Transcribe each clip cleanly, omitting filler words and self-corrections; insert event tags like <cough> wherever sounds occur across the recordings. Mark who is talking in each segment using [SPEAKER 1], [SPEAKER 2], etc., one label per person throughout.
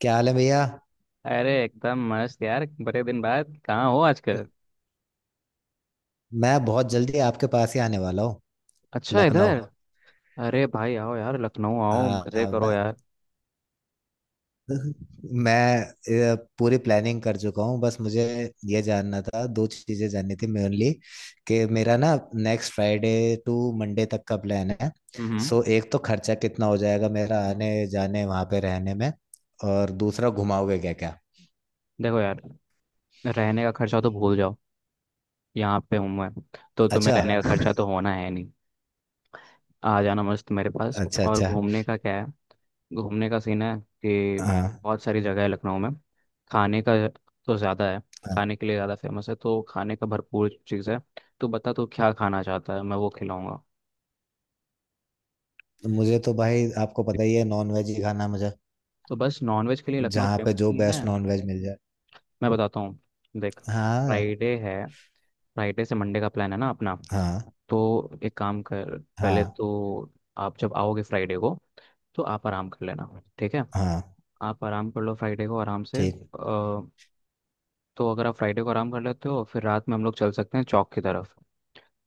[SPEAKER 1] क्या हाल है भैया।
[SPEAKER 2] अरे एकदम मस्त यार, बड़े दिन बाद। कहाँ हो
[SPEAKER 1] म-
[SPEAKER 2] आजकल?
[SPEAKER 1] मैं बहुत जल्दी आपके पास ही आने वाला हूँ।
[SPEAKER 2] अच्छा
[SPEAKER 1] लखनऊ।
[SPEAKER 2] इधर। अरे भाई आओ यार, लखनऊ आओ,
[SPEAKER 1] हाँ
[SPEAKER 2] मजे
[SPEAKER 1] हाँ, मैं
[SPEAKER 2] करो यार।
[SPEAKER 1] <laughs> मैं पूरी प्लानिंग कर चुका हूँ। बस मुझे ये जानना था, दो चीज़ें जाननी थी मेनली, कि मेरा ना नेक्स्ट फ्राइडे टू मंडे तक का प्लान है।
[SPEAKER 2] हम्म।
[SPEAKER 1] सो एक तो खर्चा कितना हो जाएगा मेरा आने जाने वहाँ पे रहने में, और दूसरा घुमाओगे क्या क्या।
[SPEAKER 2] देखो यार, रहने का खर्चा तो भूल जाओ, यहाँ पे हूँ मैं, तो तुम्हें
[SPEAKER 1] अच्छा
[SPEAKER 2] रहने अच्छा का
[SPEAKER 1] <laughs>
[SPEAKER 2] खर्चा तो होना है नहीं। आ जाना मस्त मेरे पास।
[SPEAKER 1] अच्छा
[SPEAKER 2] और
[SPEAKER 1] अच्छा।
[SPEAKER 2] घूमने का क्या है, घूमने का सीन है कि
[SPEAKER 1] हाँ
[SPEAKER 2] बहुत सारी जगह है लखनऊ में। खाने का तो ज़्यादा है,
[SPEAKER 1] हाँ।
[SPEAKER 2] खाने के लिए ज़्यादा फेमस है, तो खाने का भरपूर चीज़ है। तो बता तू क्या खाना चाहता है, मैं वो खिलाऊंगा।
[SPEAKER 1] मुझे तो भाई आपको पता ही है, नॉन वेज ही खाना है मुझे।
[SPEAKER 2] तो बस नॉनवेज के लिए लखनऊ
[SPEAKER 1] जहाँ पे
[SPEAKER 2] फेमस
[SPEAKER 1] जो
[SPEAKER 2] ही है।
[SPEAKER 1] बेस्ट नॉन वेज मिल जाए।
[SPEAKER 2] मैं बताता हूँ, देख,
[SPEAKER 1] हाँ
[SPEAKER 2] फ्राइडे है, फ्राइडे से मंडे का प्लान है ना अपना।
[SPEAKER 1] हाँ
[SPEAKER 2] तो एक काम कर, पहले
[SPEAKER 1] हाँ
[SPEAKER 2] तो आप जब आओगे फ्राइडे को तो आप आराम कर लेना, ठीक है।
[SPEAKER 1] हाँ।
[SPEAKER 2] आप आराम कर लो फ्राइडे को आराम से।
[SPEAKER 1] ठीक।
[SPEAKER 2] तो अगर आप फ्राइडे को आराम कर लेते हो फिर रात में हम लोग चल सकते हैं चौक की तरफ।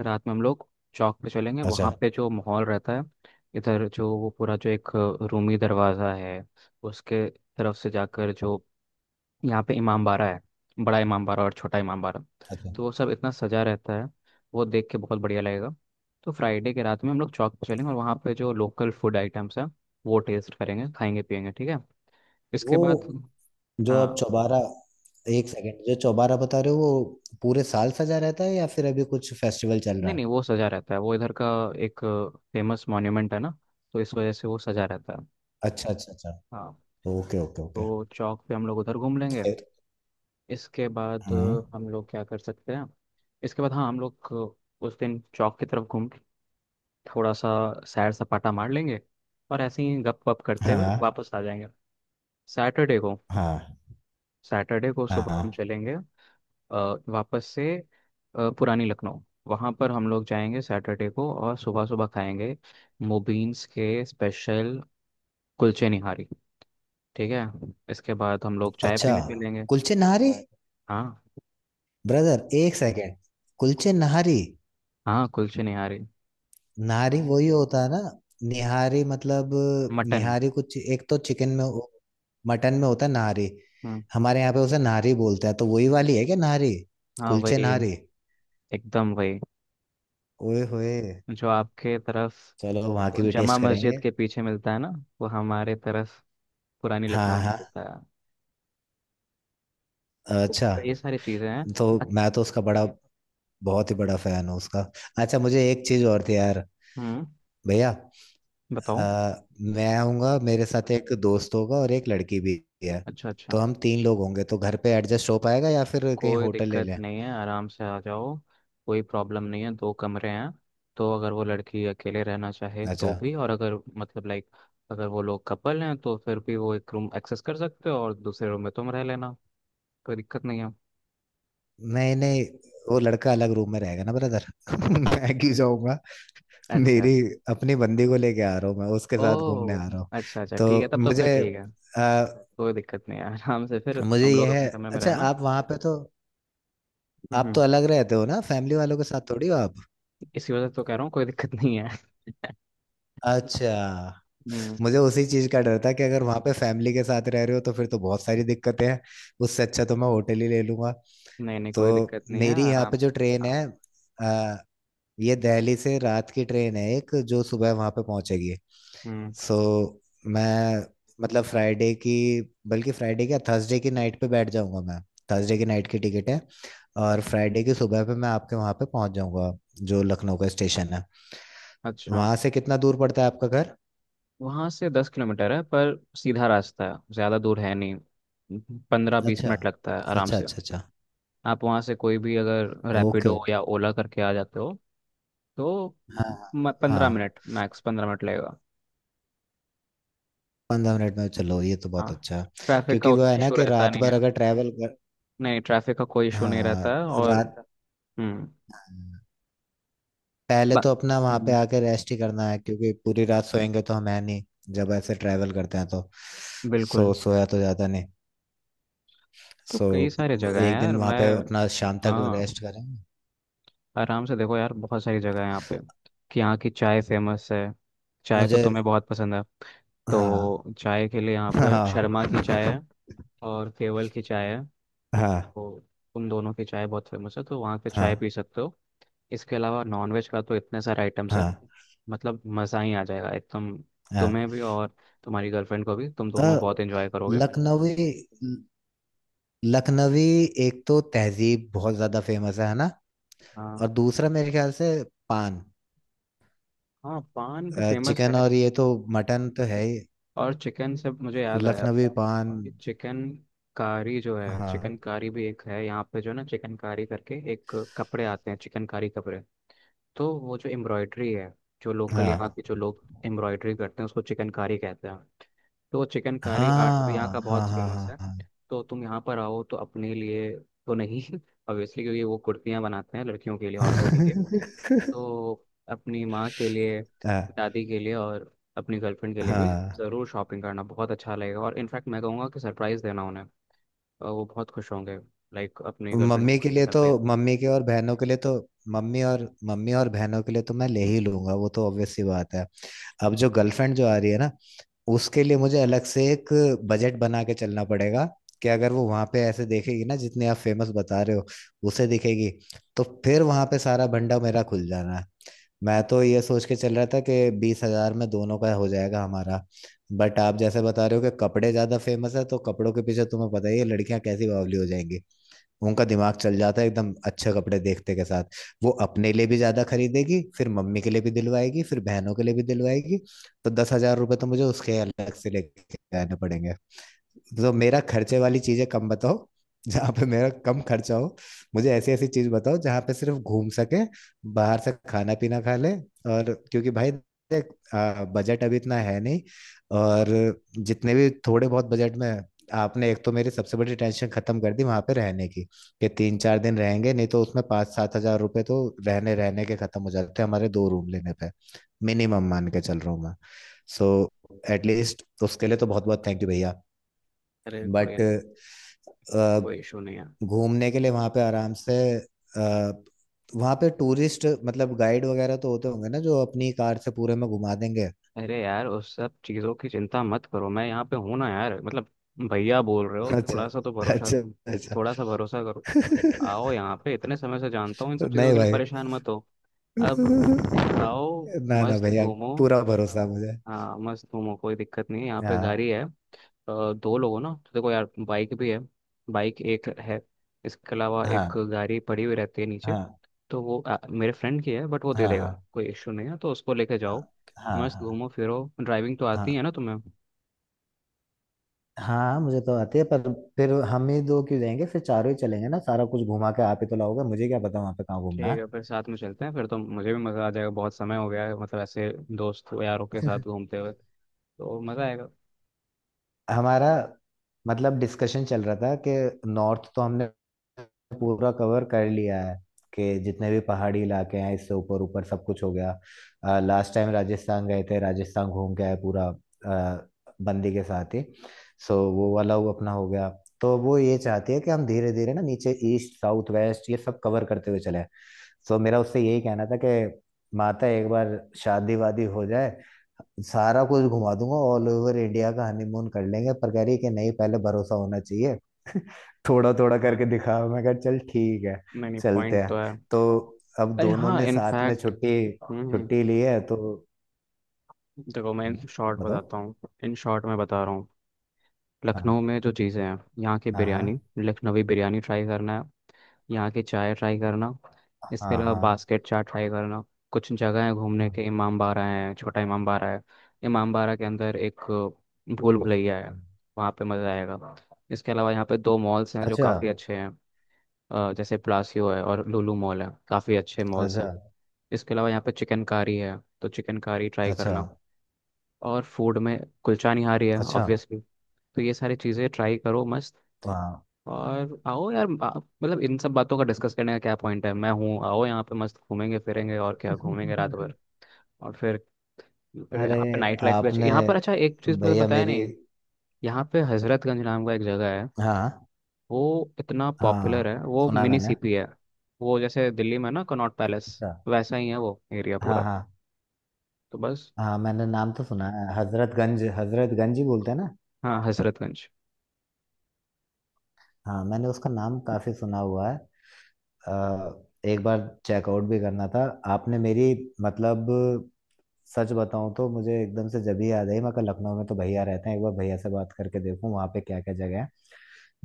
[SPEAKER 2] रात में हम लोग चौक पे चलेंगे,
[SPEAKER 1] अच्छा
[SPEAKER 2] वहाँ पे जो माहौल रहता है। इधर जो वो पूरा जो एक रूमी दरवाज़ा है, उसके तरफ से जाकर जो यहाँ पे इमाम बाड़ा है, बड़ा इमाम बाड़ा और छोटा इमाम बाड़ा,
[SPEAKER 1] अच्छा।
[SPEAKER 2] तो वो सब इतना सजा रहता है। वो देख के बहुत बढ़िया लगेगा। तो फ्राइडे के रात में हम लोग चौक पे चलेंगे और वहाँ पे जो लोकल फूड आइटम्स हैं वो टेस्ट करेंगे, खाएंगे, पिएंगे, ठीक है। इसके
[SPEAKER 1] वो
[SPEAKER 2] बाद,
[SPEAKER 1] जो आप
[SPEAKER 2] हाँ,
[SPEAKER 1] चौबारा, एक सेकंड, जो चौबारा बता रहे हो वो पूरे साल सजा रहता है या फिर अभी कुछ फेस्टिवल चल
[SPEAKER 2] नहीं
[SPEAKER 1] रहा है?
[SPEAKER 2] नहीं, वो सजा रहता है, वो इधर का एक फेमस मॉन्यूमेंट है ना, तो इस वजह से वो सजा रहता है।
[SPEAKER 1] अच्छा अच्छा अच्छा।
[SPEAKER 2] हाँ।
[SPEAKER 1] Okay okay okay.
[SPEAKER 2] तो चौक पे हम लोग उधर घूम लेंगे।
[SPEAKER 1] फिर।
[SPEAKER 2] इसके बाद
[SPEAKER 1] हम्म।
[SPEAKER 2] हम लोग क्या कर सकते हैं। इसके बाद हाँ, हम लोग उस दिन चौक की तरफ घूम, थोड़ा सा सैर सपाटा मार लेंगे और ऐसे ही गप वप करते हुए
[SPEAKER 1] हाँ
[SPEAKER 2] वापस आ जाएंगे। सैटरडे को,
[SPEAKER 1] हाँ
[SPEAKER 2] सैटरडे को
[SPEAKER 1] हाँ
[SPEAKER 2] सुबह हम
[SPEAKER 1] हाँ।
[SPEAKER 2] चलेंगे, अ, वापस से पुरानी लखनऊ वहाँ पर हम लोग जाएंगे सैटरडे को, और सुबह सुबह खाएंगे मोबीन्स के स्पेशल कुलचे निहारी, ठीक है। इसके बाद हम लोग चाय
[SPEAKER 1] अच्छा।
[SPEAKER 2] पीने चलेंगे।
[SPEAKER 1] कुलचे नहारी?
[SPEAKER 2] हाँ
[SPEAKER 1] ब्रदर एक सेकंड, कुलचे नहारी।
[SPEAKER 2] हाँ, कुलचे निहारी,
[SPEAKER 1] नारी वही होता है ना? निहारी मतलब,
[SPEAKER 2] मटन।
[SPEAKER 1] निहारी कुछ एक तो चिकन में, मटन में होता है नारी।
[SPEAKER 2] हम्म।
[SPEAKER 1] हमारे यहाँ पे उसे नारी बोलते हैं तो वही वाली है क्या नारी?
[SPEAKER 2] हाँ
[SPEAKER 1] कुलचे
[SPEAKER 2] वही,
[SPEAKER 1] नारी।
[SPEAKER 2] एकदम वही,
[SPEAKER 1] ओए होए।
[SPEAKER 2] जो आपके तरफ
[SPEAKER 1] चलो वहां की भी
[SPEAKER 2] जमा
[SPEAKER 1] टेस्ट
[SPEAKER 2] मस्जिद
[SPEAKER 1] करेंगे।
[SPEAKER 2] के पीछे मिलता है ना, वो हमारे तरफ पुरानी लखनऊ
[SPEAKER 1] हाँ
[SPEAKER 2] में
[SPEAKER 1] हाँ।
[SPEAKER 2] होता है।
[SPEAKER 1] अच्छा।
[SPEAKER 2] तो ये सारी चीज़ें हैं।
[SPEAKER 1] तो
[SPEAKER 2] बत-
[SPEAKER 1] मैं तो उसका बड़ा बहुत ही बड़ा फैन हूँ उसका। अच्छा मुझे एक चीज और थी यार,
[SPEAKER 2] हम्म,
[SPEAKER 1] भैया। अ,
[SPEAKER 2] बताओ।
[SPEAKER 1] मैं आऊंगा, मेरे साथ एक दोस्त होगा और एक लड़की भी है,
[SPEAKER 2] अच्छा
[SPEAKER 1] तो
[SPEAKER 2] अच्छा,
[SPEAKER 1] हम तीन लोग होंगे, तो घर पे एडजस्ट हो पाएगा या फिर कहीं
[SPEAKER 2] कोई
[SPEAKER 1] होटल ले
[SPEAKER 2] दिक्कत
[SPEAKER 1] लें?
[SPEAKER 2] नहीं है, आराम से आ जाओ। कोई प्रॉब्लम नहीं है, दो कमरे हैं। तो अगर वो लड़की अकेले रहना चाहे
[SPEAKER 1] अच्छा।
[SPEAKER 2] तो भी, और अगर मतलब लाइक, अगर वो लोग कपल हैं तो फिर भी वो एक रूम एक्सेस कर सकते हो और दूसरे रूम में तुम रह लेना। कोई दिक्कत नहीं है।
[SPEAKER 1] नहीं नहीं, वो लड़का अलग रूम में रहेगा ना ब्रदर। <laughs> मैं क्यों जाऊंगा।
[SPEAKER 2] अच्छा
[SPEAKER 1] मेरी
[SPEAKER 2] अच्छा।
[SPEAKER 1] अपनी बंदी को लेके आ रहा हूँ, मैं उसके साथ घूमने
[SPEAKER 2] ओह,
[SPEAKER 1] आ रहा हूँ।
[SPEAKER 2] अच्छा अच्छा, ठीक है,
[SPEAKER 1] तो
[SPEAKER 2] तब तो फिर
[SPEAKER 1] मुझे
[SPEAKER 2] ठीक है।
[SPEAKER 1] आ,
[SPEAKER 2] कोई दिक्कत नहीं है, <laughs> आराम से फिर
[SPEAKER 1] मुझे
[SPEAKER 2] तुम लोग
[SPEAKER 1] यह है,
[SPEAKER 2] अपने कमरे में
[SPEAKER 1] अच्छा
[SPEAKER 2] रहना।
[SPEAKER 1] आप वहां पे तो, आप तो
[SPEAKER 2] हम्म।
[SPEAKER 1] अलग रहते हो ना फैमिली वालों के साथ, थोड़ी हो आप।
[SPEAKER 2] इसी वजह से तो कह रहा हूँ कोई दिक्कत नहीं है।
[SPEAKER 1] अच्छा।
[SPEAKER 2] हम्म।
[SPEAKER 1] मुझे उसी चीज का डर था कि अगर वहां पे फैमिली के साथ रह रहे हो तो फिर तो बहुत सारी दिक्कतें हैं। उससे अच्छा तो मैं होटल ही ले लूंगा।
[SPEAKER 2] नहीं नहीं,
[SPEAKER 1] तो
[SPEAKER 2] कोई दिक्कत नहीं है,
[SPEAKER 1] मेरी यहाँ
[SPEAKER 2] आराम
[SPEAKER 1] पे जो
[SPEAKER 2] से।
[SPEAKER 1] ट्रेन है,
[SPEAKER 2] हाँ।
[SPEAKER 1] ये दिल्ली से रात की ट्रेन है एक, जो सुबह वहां पे पहुंचेगी।
[SPEAKER 2] हम्म।
[SPEAKER 1] सो मैं मतलब फ्राइडे की, बल्कि फ्राइडे क्या, थर्सडे की नाइट पे बैठ जाऊंगा मैं। थर्सडे की नाइट की टिकट है, और फ्राइडे की सुबह पे मैं आपके वहां पे पहुंच जाऊंगा। जो लखनऊ का स्टेशन है,
[SPEAKER 2] अच्छा,
[SPEAKER 1] वहां से कितना दूर पड़ता है आपका घर?
[SPEAKER 2] वहाँ से 10 किलोमीटर है, पर सीधा रास्ता है, ज़्यादा दूर है नहीं। पंद्रह बीस
[SPEAKER 1] अच्छा
[SPEAKER 2] मिनट लगता है आराम
[SPEAKER 1] अच्छा
[SPEAKER 2] से।
[SPEAKER 1] अच्छा। अच्छा।
[SPEAKER 2] आप वहाँ से कोई भी अगर
[SPEAKER 1] ओके
[SPEAKER 2] रैपिडो
[SPEAKER 1] ओके।
[SPEAKER 2] या ओला करके आ जाते हो तो
[SPEAKER 1] हाँ हाँ हाँ।
[SPEAKER 2] 15 मिनट, मैक्स 15 मिनट लगेगा।
[SPEAKER 1] 15 मिनट में, चलो ये तो
[SPEAKER 2] हाँ,
[SPEAKER 1] बहुत अच्छा है।
[SPEAKER 2] ट्रैफिक का
[SPEAKER 1] क्योंकि वो है
[SPEAKER 2] उतना
[SPEAKER 1] ना
[SPEAKER 2] इशू
[SPEAKER 1] कि
[SPEAKER 2] रहता
[SPEAKER 1] रात
[SPEAKER 2] नहीं है।
[SPEAKER 1] भर अगर ट्रैवल कर,
[SPEAKER 2] नहीं, ट्रैफिक का कोई इशू नहीं
[SPEAKER 1] हाँ,
[SPEAKER 2] रहता है और
[SPEAKER 1] रात,
[SPEAKER 2] हम्म,
[SPEAKER 1] पहले
[SPEAKER 2] बा-
[SPEAKER 1] तो अपना वहां पे
[SPEAKER 2] हम्म,
[SPEAKER 1] आके रेस्ट ही करना है क्योंकि पूरी रात सोएंगे तो हम है नहीं। जब ऐसे ट्रैवल करते हैं तो
[SPEAKER 2] बिल्कुल।
[SPEAKER 1] सो सोया तो जाता नहीं।
[SPEAKER 2] तो
[SPEAKER 1] सो
[SPEAKER 2] कई सारे जगह हैं
[SPEAKER 1] एक
[SPEAKER 2] यार।
[SPEAKER 1] दिन वहां
[SPEAKER 2] मैं,
[SPEAKER 1] पे अपना शाम तक
[SPEAKER 2] हाँ,
[SPEAKER 1] रेस्ट करें।
[SPEAKER 2] आराम से। देखो यार, बहुत सारी जगह है यहाँ पे। कि यहाँ की चाय फेमस है, चाय तो
[SPEAKER 1] मुझे
[SPEAKER 2] तुम्हें बहुत पसंद है।
[SPEAKER 1] हाँ।
[SPEAKER 2] तो चाय के लिए यहाँ पर शर्मा की चाय
[SPEAKER 1] हाँ
[SPEAKER 2] है और केवल की चाय है।
[SPEAKER 1] हाँ
[SPEAKER 2] तो उन दोनों की चाय बहुत फेमस है, तो वहाँ पे
[SPEAKER 1] हाँ
[SPEAKER 2] चाय पी सकते हो। इसके अलावा नॉनवेज का तो इतने सारे आइटम्स हैं,
[SPEAKER 1] हाँ
[SPEAKER 2] मतलब मज़ा ही आ जाएगा एकदम,
[SPEAKER 1] हाँ।
[SPEAKER 2] तुम्हें भी और तुम्हारी गर्लफ्रेंड को भी, तुम
[SPEAKER 1] अ,
[SPEAKER 2] दोनों बहुत एंजॉय करोगे।
[SPEAKER 1] लखनवी, लखनवी एक तो तहजीब बहुत ज्यादा फेमस है ना?
[SPEAKER 2] हाँ,
[SPEAKER 1] और दूसरा मेरे ख्याल से पान,
[SPEAKER 2] हाँ, पान भी फेमस है।
[SPEAKER 1] चिकन, और ये तो मटन तो है ही।
[SPEAKER 2] और चिकन से मुझे याद आया
[SPEAKER 1] लखनवी पान।
[SPEAKER 2] कि चिकन कारी जो है, चिकन
[SPEAKER 1] हाँ
[SPEAKER 2] कारी भी एक है यहाँ पे। जो ना चिकन कारी करके एक कपड़े आते हैं, चिकन कारी कपड़े, तो वो जो एम्ब्रॉयडरी है, जो लोकल
[SPEAKER 1] हाँ
[SPEAKER 2] यहाँ के जो लोग एम्ब्रॉयडरी करते हैं उसको चिकन कारी कहते हैं। तो चिकन कारी आर्ट भी यहाँ का
[SPEAKER 1] हाँ हाँ
[SPEAKER 2] बहुत
[SPEAKER 1] हाँ
[SPEAKER 2] फेमस है।
[SPEAKER 1] हाँ
[SPEAKER 2] तो तुम यहाँ पर आओ तो अपने लिए तो नहीं, <laughs> ऑब्वियसली क्योंकि वो कुर्तियाँ बनाते हैं लड़कियों के लिए, औरतों के लिए।
[SPEAKER 1] हाँ <laughs>
[SPEAKER 2] तो अपनी माँ के लिए,
[SPEAKER 1] हाँ
[SPEAKER 2] दादी के लिए, और अपनी गर्लफ्रेंड के लिए भी
[SPEAKER 1] हाँ।
[SPEAKER 2] ज़रूर शॉपिंग करना, बहुत अच्छा लगेगा। और इनफैक्ट मैं कहूँगा कि सरप्राइज़ देना उन्हें, और वो बहुत खुश होंगे, लाइक अपनी गर्लफ्रेंड
[SPEAKER 1] मम्मी के
[SPEAKER 2] से
[SPEAKER 1] लिए तो,
[SPEAKER 2] सरप्राइज।
[SPEAKER 1] मम्मी के और बहनों के लिए तो, मम्मी और बहनों के लिए तो मैं ले ही लूंगा, वो तो ऑब्वियस सी बात है। अब जो गर्लफ्रेंड जो आ रही है ना, उसके लिए मुझे अलग से एक बजट बना के चलना पड़ेगा। कि अगर वो वहां पे ऐसे देखेगी ना जितने आप फेमस बता रहे हो उसे दिखेगी, तो फिर वहां पे सारा भंडा मेरा खुल जाना है। मैं तो ये सोच के चल रहा था कि 20 हजार में दोनों का हो जाएगा हमारा, बट आप जैसे बता रहे हो कि कपड़े ज्यादा फेमस है, तो कपड़ों के पीछे तुम्हें पता ही है लड़कियां कैसी बावली हो जाएंगी। उनका दिमाग चल जाता है एकदम, अच्छे कपड़े देखते के साथ वो अपने लिए भी ज्यादा खरीदेगी, फिर मम्मी के लिए भी दिलवाएगी, फिर बहनों के लिए भी दिलवाएगी। तो 10 हजार रुपये तो मुझे उसके अलग से लेके आने पड़ेंगे। तो मेरा खर्चे वाली चीजें कम बताओ, जहाँ पे मेरा कम खर्चा हो। मुझे ऐसी ऐसी चीज बताओ जहाँ पे सिर्फ घूम सके, बाहर से खाना पीना खा ले। और क्योंकि भाई, देख, बजट अभी इतना है नहीं, और जितने भी थोड़े बहुत बजट में, आपने एक तो मेरी सबसे बड़ी टेंशन खत्म कर दी वहां पे रहने की, कि 3-4 दिन रहेंगे, नहीं तो उसमें 5-7 हजार रुपए तो रहने रहने के खत्म हो जाते हैं हमारे दो रूम लेने पे, मिनिमम मान के चल रहा हूँ मैं। सो एटलीस्ट उसके लिए तो बहुत बहुत थैंक यू भैया।
[SPEAKER 2] अरे कोई,
[SPEAKER 1] बट
[SPEAKER 2] कोई इशू नहीं है।
[SPEAKER 1] घूमने के लिए वहाँ पे आराम से, आ, वहाँ पे टूरिस्ट मतलब गाइड वगैरह तो होते होंगे ना जो अपनी कार से पूरे में घुमा देंगे?
[SPEAKER 2] अरे यार, उस सब चीज़ों की चिंता मत करो, मैं यहाँ पे हूँ ना यार, मतलब भैया बोल रहे हो,
[SPEAKER 1] अच्छा
[SPEAKER 2] थोड़ा सा तो भरोसा,
[SPEAKER 1] अच्छा अच्छा।
[SPEAKER 2] थोड़ा सा भरोसा करो। आओ
[SPEAKER 1] <laughs>
[SPEAKER 2] यहाँ पे, इतने समय से जानता हूँ, इन सब चीज़ों
[SPEAKER 1] नहीं
[SPEAKER 2] के लिए
[SPEAKER 1] भाई,
[SPEAKER 2] परेशान मत हो। अब आओ,
[SPEAKER 1] <laughs> ना ना
[SPEAKER 2] मस्त
[SPEAKER 1] भैया,
[SPEAKER 2] घूमो।
[SPEAKER 1] पूरा भरोसा है मुझे।
[SPEAKER 2] हाँ मस्त घूमो, कोई दिक्कत नहीं है, यहाँ पे
[SPEAKER 1] हाँ
[SPEAKER 2] गाड़ी है। दो लोग हो ना, तो देखो यार बाइक भी है, बाइक एक है, इसके अलावा
[SPEAKER 1] हाँ
[SPEAKER 2] एक गाड़ी पड़ी हुई रहती है नीचे।
[SPEAKER 1] हाँ
[SPEAKER 2] तो वो मेरे फ्रेंड की है बट वो दे
[SPEAKER 1] हाँ हाँ
[SPEAKER 2] देगा, कोई इश्यू नहीं है, तो उसको लेके
[SPEAKER 1] हाँ
[SPEAKER 2] जाओ। मस्त
[SPEAKER 1] हाँ
[SPEAKER 2] घूमो फिरो। ड्राइविंग तो
[SPEAKER 1] हाँ
[SPEAKER 2] आती है
[SPEAKER 1] हाँ।
[SPEAKER 2] ना तुम्हें?
[SPEAKER 1] हाँ मुझे तो आती है पर फिर हम ही दो क्यों जाएंगे, फिर चारों ही चलेंगे ना, सारा कुछ घुमा के आप ही तो लाओगे, मुझे क्या पता वहाँ पे कहाँ घूमना
[SPEAKER 2] ठीक
[SPEAKER 1] है।
[SPEAKER 2] है फिर साथ में चलते हैं, फिर तो मुझे भी मज़ा आ जाएगा, बहुत समय हो गया है मतलब ऐसे दोस्त यारों के साथ घूमते हुए।
[SPEAKER 1] <laughs>
[SPEAKER 2] तो मज़ा आएगा।
[SPEAKER 1] हमारा मतलब डिस्कशन चल रहा था कि नॉर्थ तो हमने पूरा कवर कर लिया है, कि जितने भी पहाड़ी इलाके हैं इससे ऊपर ऊपर सब कुछ हो गया। लास्ट टाइम राजस्थान गए थे, राजस्थान घूम के आए पूरा, बंदी के साथ ही। सो वो वाला वो अपना हो गया, तो वो ये चाहती है कि हम धीरे धीरे ना नीचे ईस्ट साउथ वेस्ट ये सब कवर करते हुए चले। सो मेरा उससे यही कहना था कि माता एक बार शादी वादी हो जाए, सारा कुछ घुमा दूंगा, ऑल ओवर इंडिया का हनीमून कर लेंगे, पर कह रही है कि नहीं पहले भरोसा होना चाहिए। <laughs> थोड़ा थोड़ा
[SPEAKER 2] हाँ,
[SPEAKER 1] करके दिखाओ, मैं कहा चल ठीक है,
[SPEAKER 2] नहीं नहीं,
[SPEAKER 1] चलते
[SPEAKER 2] पॉइंट
[SPEAKER 1] हैं।
[SPEAKER 2] तो है।
[SPEAKER 1] तो अब
[SPEAKER 2] अरे
[SPEAKER 1] दोनों
[SPEAKER 2] हाँ
[SPEAKER 1] ने साथ में
[SPEAKER 2] इनफैक्ट,
[SPEAKER 1] छुट्टी छुट्टी ली है तो
[SPEAKER 2] देखो मैं
[SPEAKER 1] हाँ,
[SPEAKER 2] शॉर्ट
[SPEAKER 1] बताओ।
[SPEAKER 2] बताता हूँ, इन शॉर्ट मैं बता रहा हूँ, लखनऊ
[SPEAKER 1] हाँ
[SPEAKER 2] में जो चीज़ें हैं, यहाँ की
[SPEAKER 1] हाँ हाँ
[SPEAKER 2] बिरयानी, लखनवी बिरयानी ट्राई करना है, यहाँ की चाय ट्राई करना, इसके
[SPEAKER 1] हाँ
[SPEAKER 2] अलावा
[SPEAKER 1] हाँ
[SPEAKER 2] बास्केट चाट ट्राई करना। कुछ जगह है घूमने
[SPEAKER 1] हाँ।
[SPEAKER 2] के, इमाम बाड़ा है, छोटा इमाम बाड़ा है, इमाम बाड़ा के अंदर एक भूल भुलैया है, वहाँ पे मज़ा आएगा। इसके अलावा यहाँ पे दो मॉल्स हैं जो
[SPEAKER 1] अच्छा
[SPEAKER 2] काफ़ी अच्छे हैं, जैसे प्लासियो है और लुलु मॉल है, काफ़ी अच्छे मॉल्स
[SPEAKER 1] अच्छा
[SPEAKER 2] हैं। इसके अलावा यहाँ पे चिकनकारी है, तो चिकनकारी ट्राई
[SPEAKER 1] अच्छा
[SPEAKER 2] करना। और फूड में कुलचा निहारी है
[SPEAKER 1] अच्छा।
[SPEAKER 2] ऑब्वियसली। तो ये सारी चीज़ें ट्राई करो मस्त।
[SPEAKER 1] हाँ
[SPEAKER 2] और आओ यार, मतलब इन सब बातों का डिस्कस करने का क्या पॉइंट है, मैं हूँ, आओ यहाँ पे मस्त घूमेंगे फिरेंगे, और क्या घूमेंगे रात भर।
[SPEAKER 1] <laughs>
[SPEAKER 2] और फिर, अरे,
[SPEAKER 1] अरे
[SPEAKER 2] यहाँ पे नाइट लाइफ भी अच्छी,
[SPEAKER 1] आपने,
[SPEAKER 2] यहाँ पर अच्छा एक चीज़ मुझे
[SPEAKER 1] भैया
[SPEAKER 2] बताया
[SPEAKER 1] मेरी,
[SPEAKER 2] नहीं। यहाँ पे हजरतगंज नाम का एक जगह है,
[SPEAKER 1] हाँ
[SPEAKER 2] वो इतना पॉपुलर
[SPEAKER 1] हाँ,
[SPEAKER 2] है, वो
[SPEAKER 1] सुना
[SPEAKER 2] मिनी
[SPEAKER 1] मैंने।
[SPEAKER 2] सीपी है। वो जैसे दिल्ली में ना कनॉट पैलेस
[SPEAKER 1] अच्छा।
[SPEAKER 2] वैसा ही है, वो एरिया
[SPEAKER 1] हाँ
[SPEAKER 2] पूरा।
[SPEAKER 1] हाँ
[SPEAKER 2] तो बस।
[SPEAKER 1] हाँ, मैंने नाम तो सुना है, हजरतगंज, हजरतगंज ही बोलते हैं ना?
[SPEAKER 2] हाँ हजरतगंज।
[SPEAKER 1] हाँ मैंने उसका नाम काफी सुना हुआ है। अ, एक बार चेकआउट भी करना था। आपने मेरी, मतलब सच बताऊं तो मुझे एकदम से जब ही याद आई मैं, कल लखनऊ में तो भैया रहते हैं, एक बार भैया से बात करके देखूं वहाँ पे क्या क्या जगह है।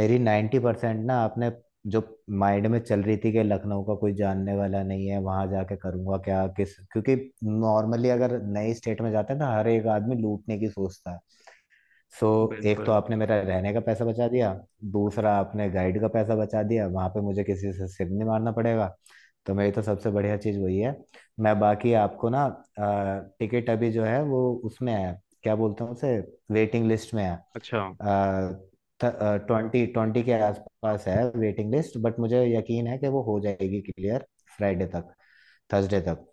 [SPEAKER 1] मेरी 90% ना आपने, जो माइंड में चल रही थी कि लखनऊ का कोई जानने वाला नहीं है, वहां जाके करूंगा क्या, किस क्योंकि नॉर्मली अगर नई स्टेट में जाते हैं तो हर एक आदमी लूटने की सोचता है। सो एक तो
[SPEAKER 2] बिल्कुल।
[SPEAKER 1] आपने मेरा रहने का पैसा बचा दिया, दूसरा आपने गाइड का पैसा बचा दिया, वहां पे मुझे किसी से सिर नहीं मारना पड़ेगा। तो मेरी तो सबसे बढ़िया चीज़ वही है। मैं बाकी आपको ना, टिकट अभी जो है वो उसमें है, क्या बोलते हैं उसे, वेटिंग लिस्ट में है।
[SPEAKER 2] अच्छा
[SPEAKER 1] 20-20 के आसपास है वेटिंग लिस्ट, बट मुझे यकीन है कि वो हो जाएगी क्लियर, फ्राइडे तक, थर्सडे तक।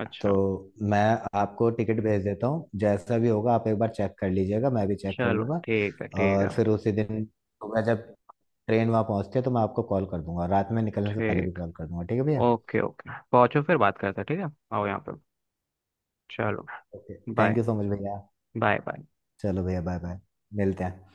[SPEAKER 2] अच्छा।
[SPEAKER 1] तो मैं आपको टिकट भेज देता हूँ, जैसा भी होगा आप एक बार चेक कर लीजिएगा, मैं भी चेक कर
[SPEAKER 2] चलो
[SPEAKER 1] लूँगा।
[SPEAKER 2] ठीक है ठीक है।
[SPEAKER 1] और फिर उसी दिन सुबह जब ट्रेन वहाँ पहुँचती है तो मैं आपको कॉल कर दूंगा, रात में निकलने से पहले भी
[SPEAKER 2] ठीक,
[SPEAKER 1] कॉल कर दूंगा, ठीक है भैया?
[SPEAKER 2] ओके ओके, पहुंचो फिर बात करते हैं, ठीक है। आओ यहाँ पे, चलो।
[SPEAKER 1] Okay
[SPEAKER 2] bye,
[SPEAKER 1] thank you so much भैया।
[SPEAKER 2] Bye bye.
[SPEAKER 1] चलो भैया बाय बाय। मिलते हैं।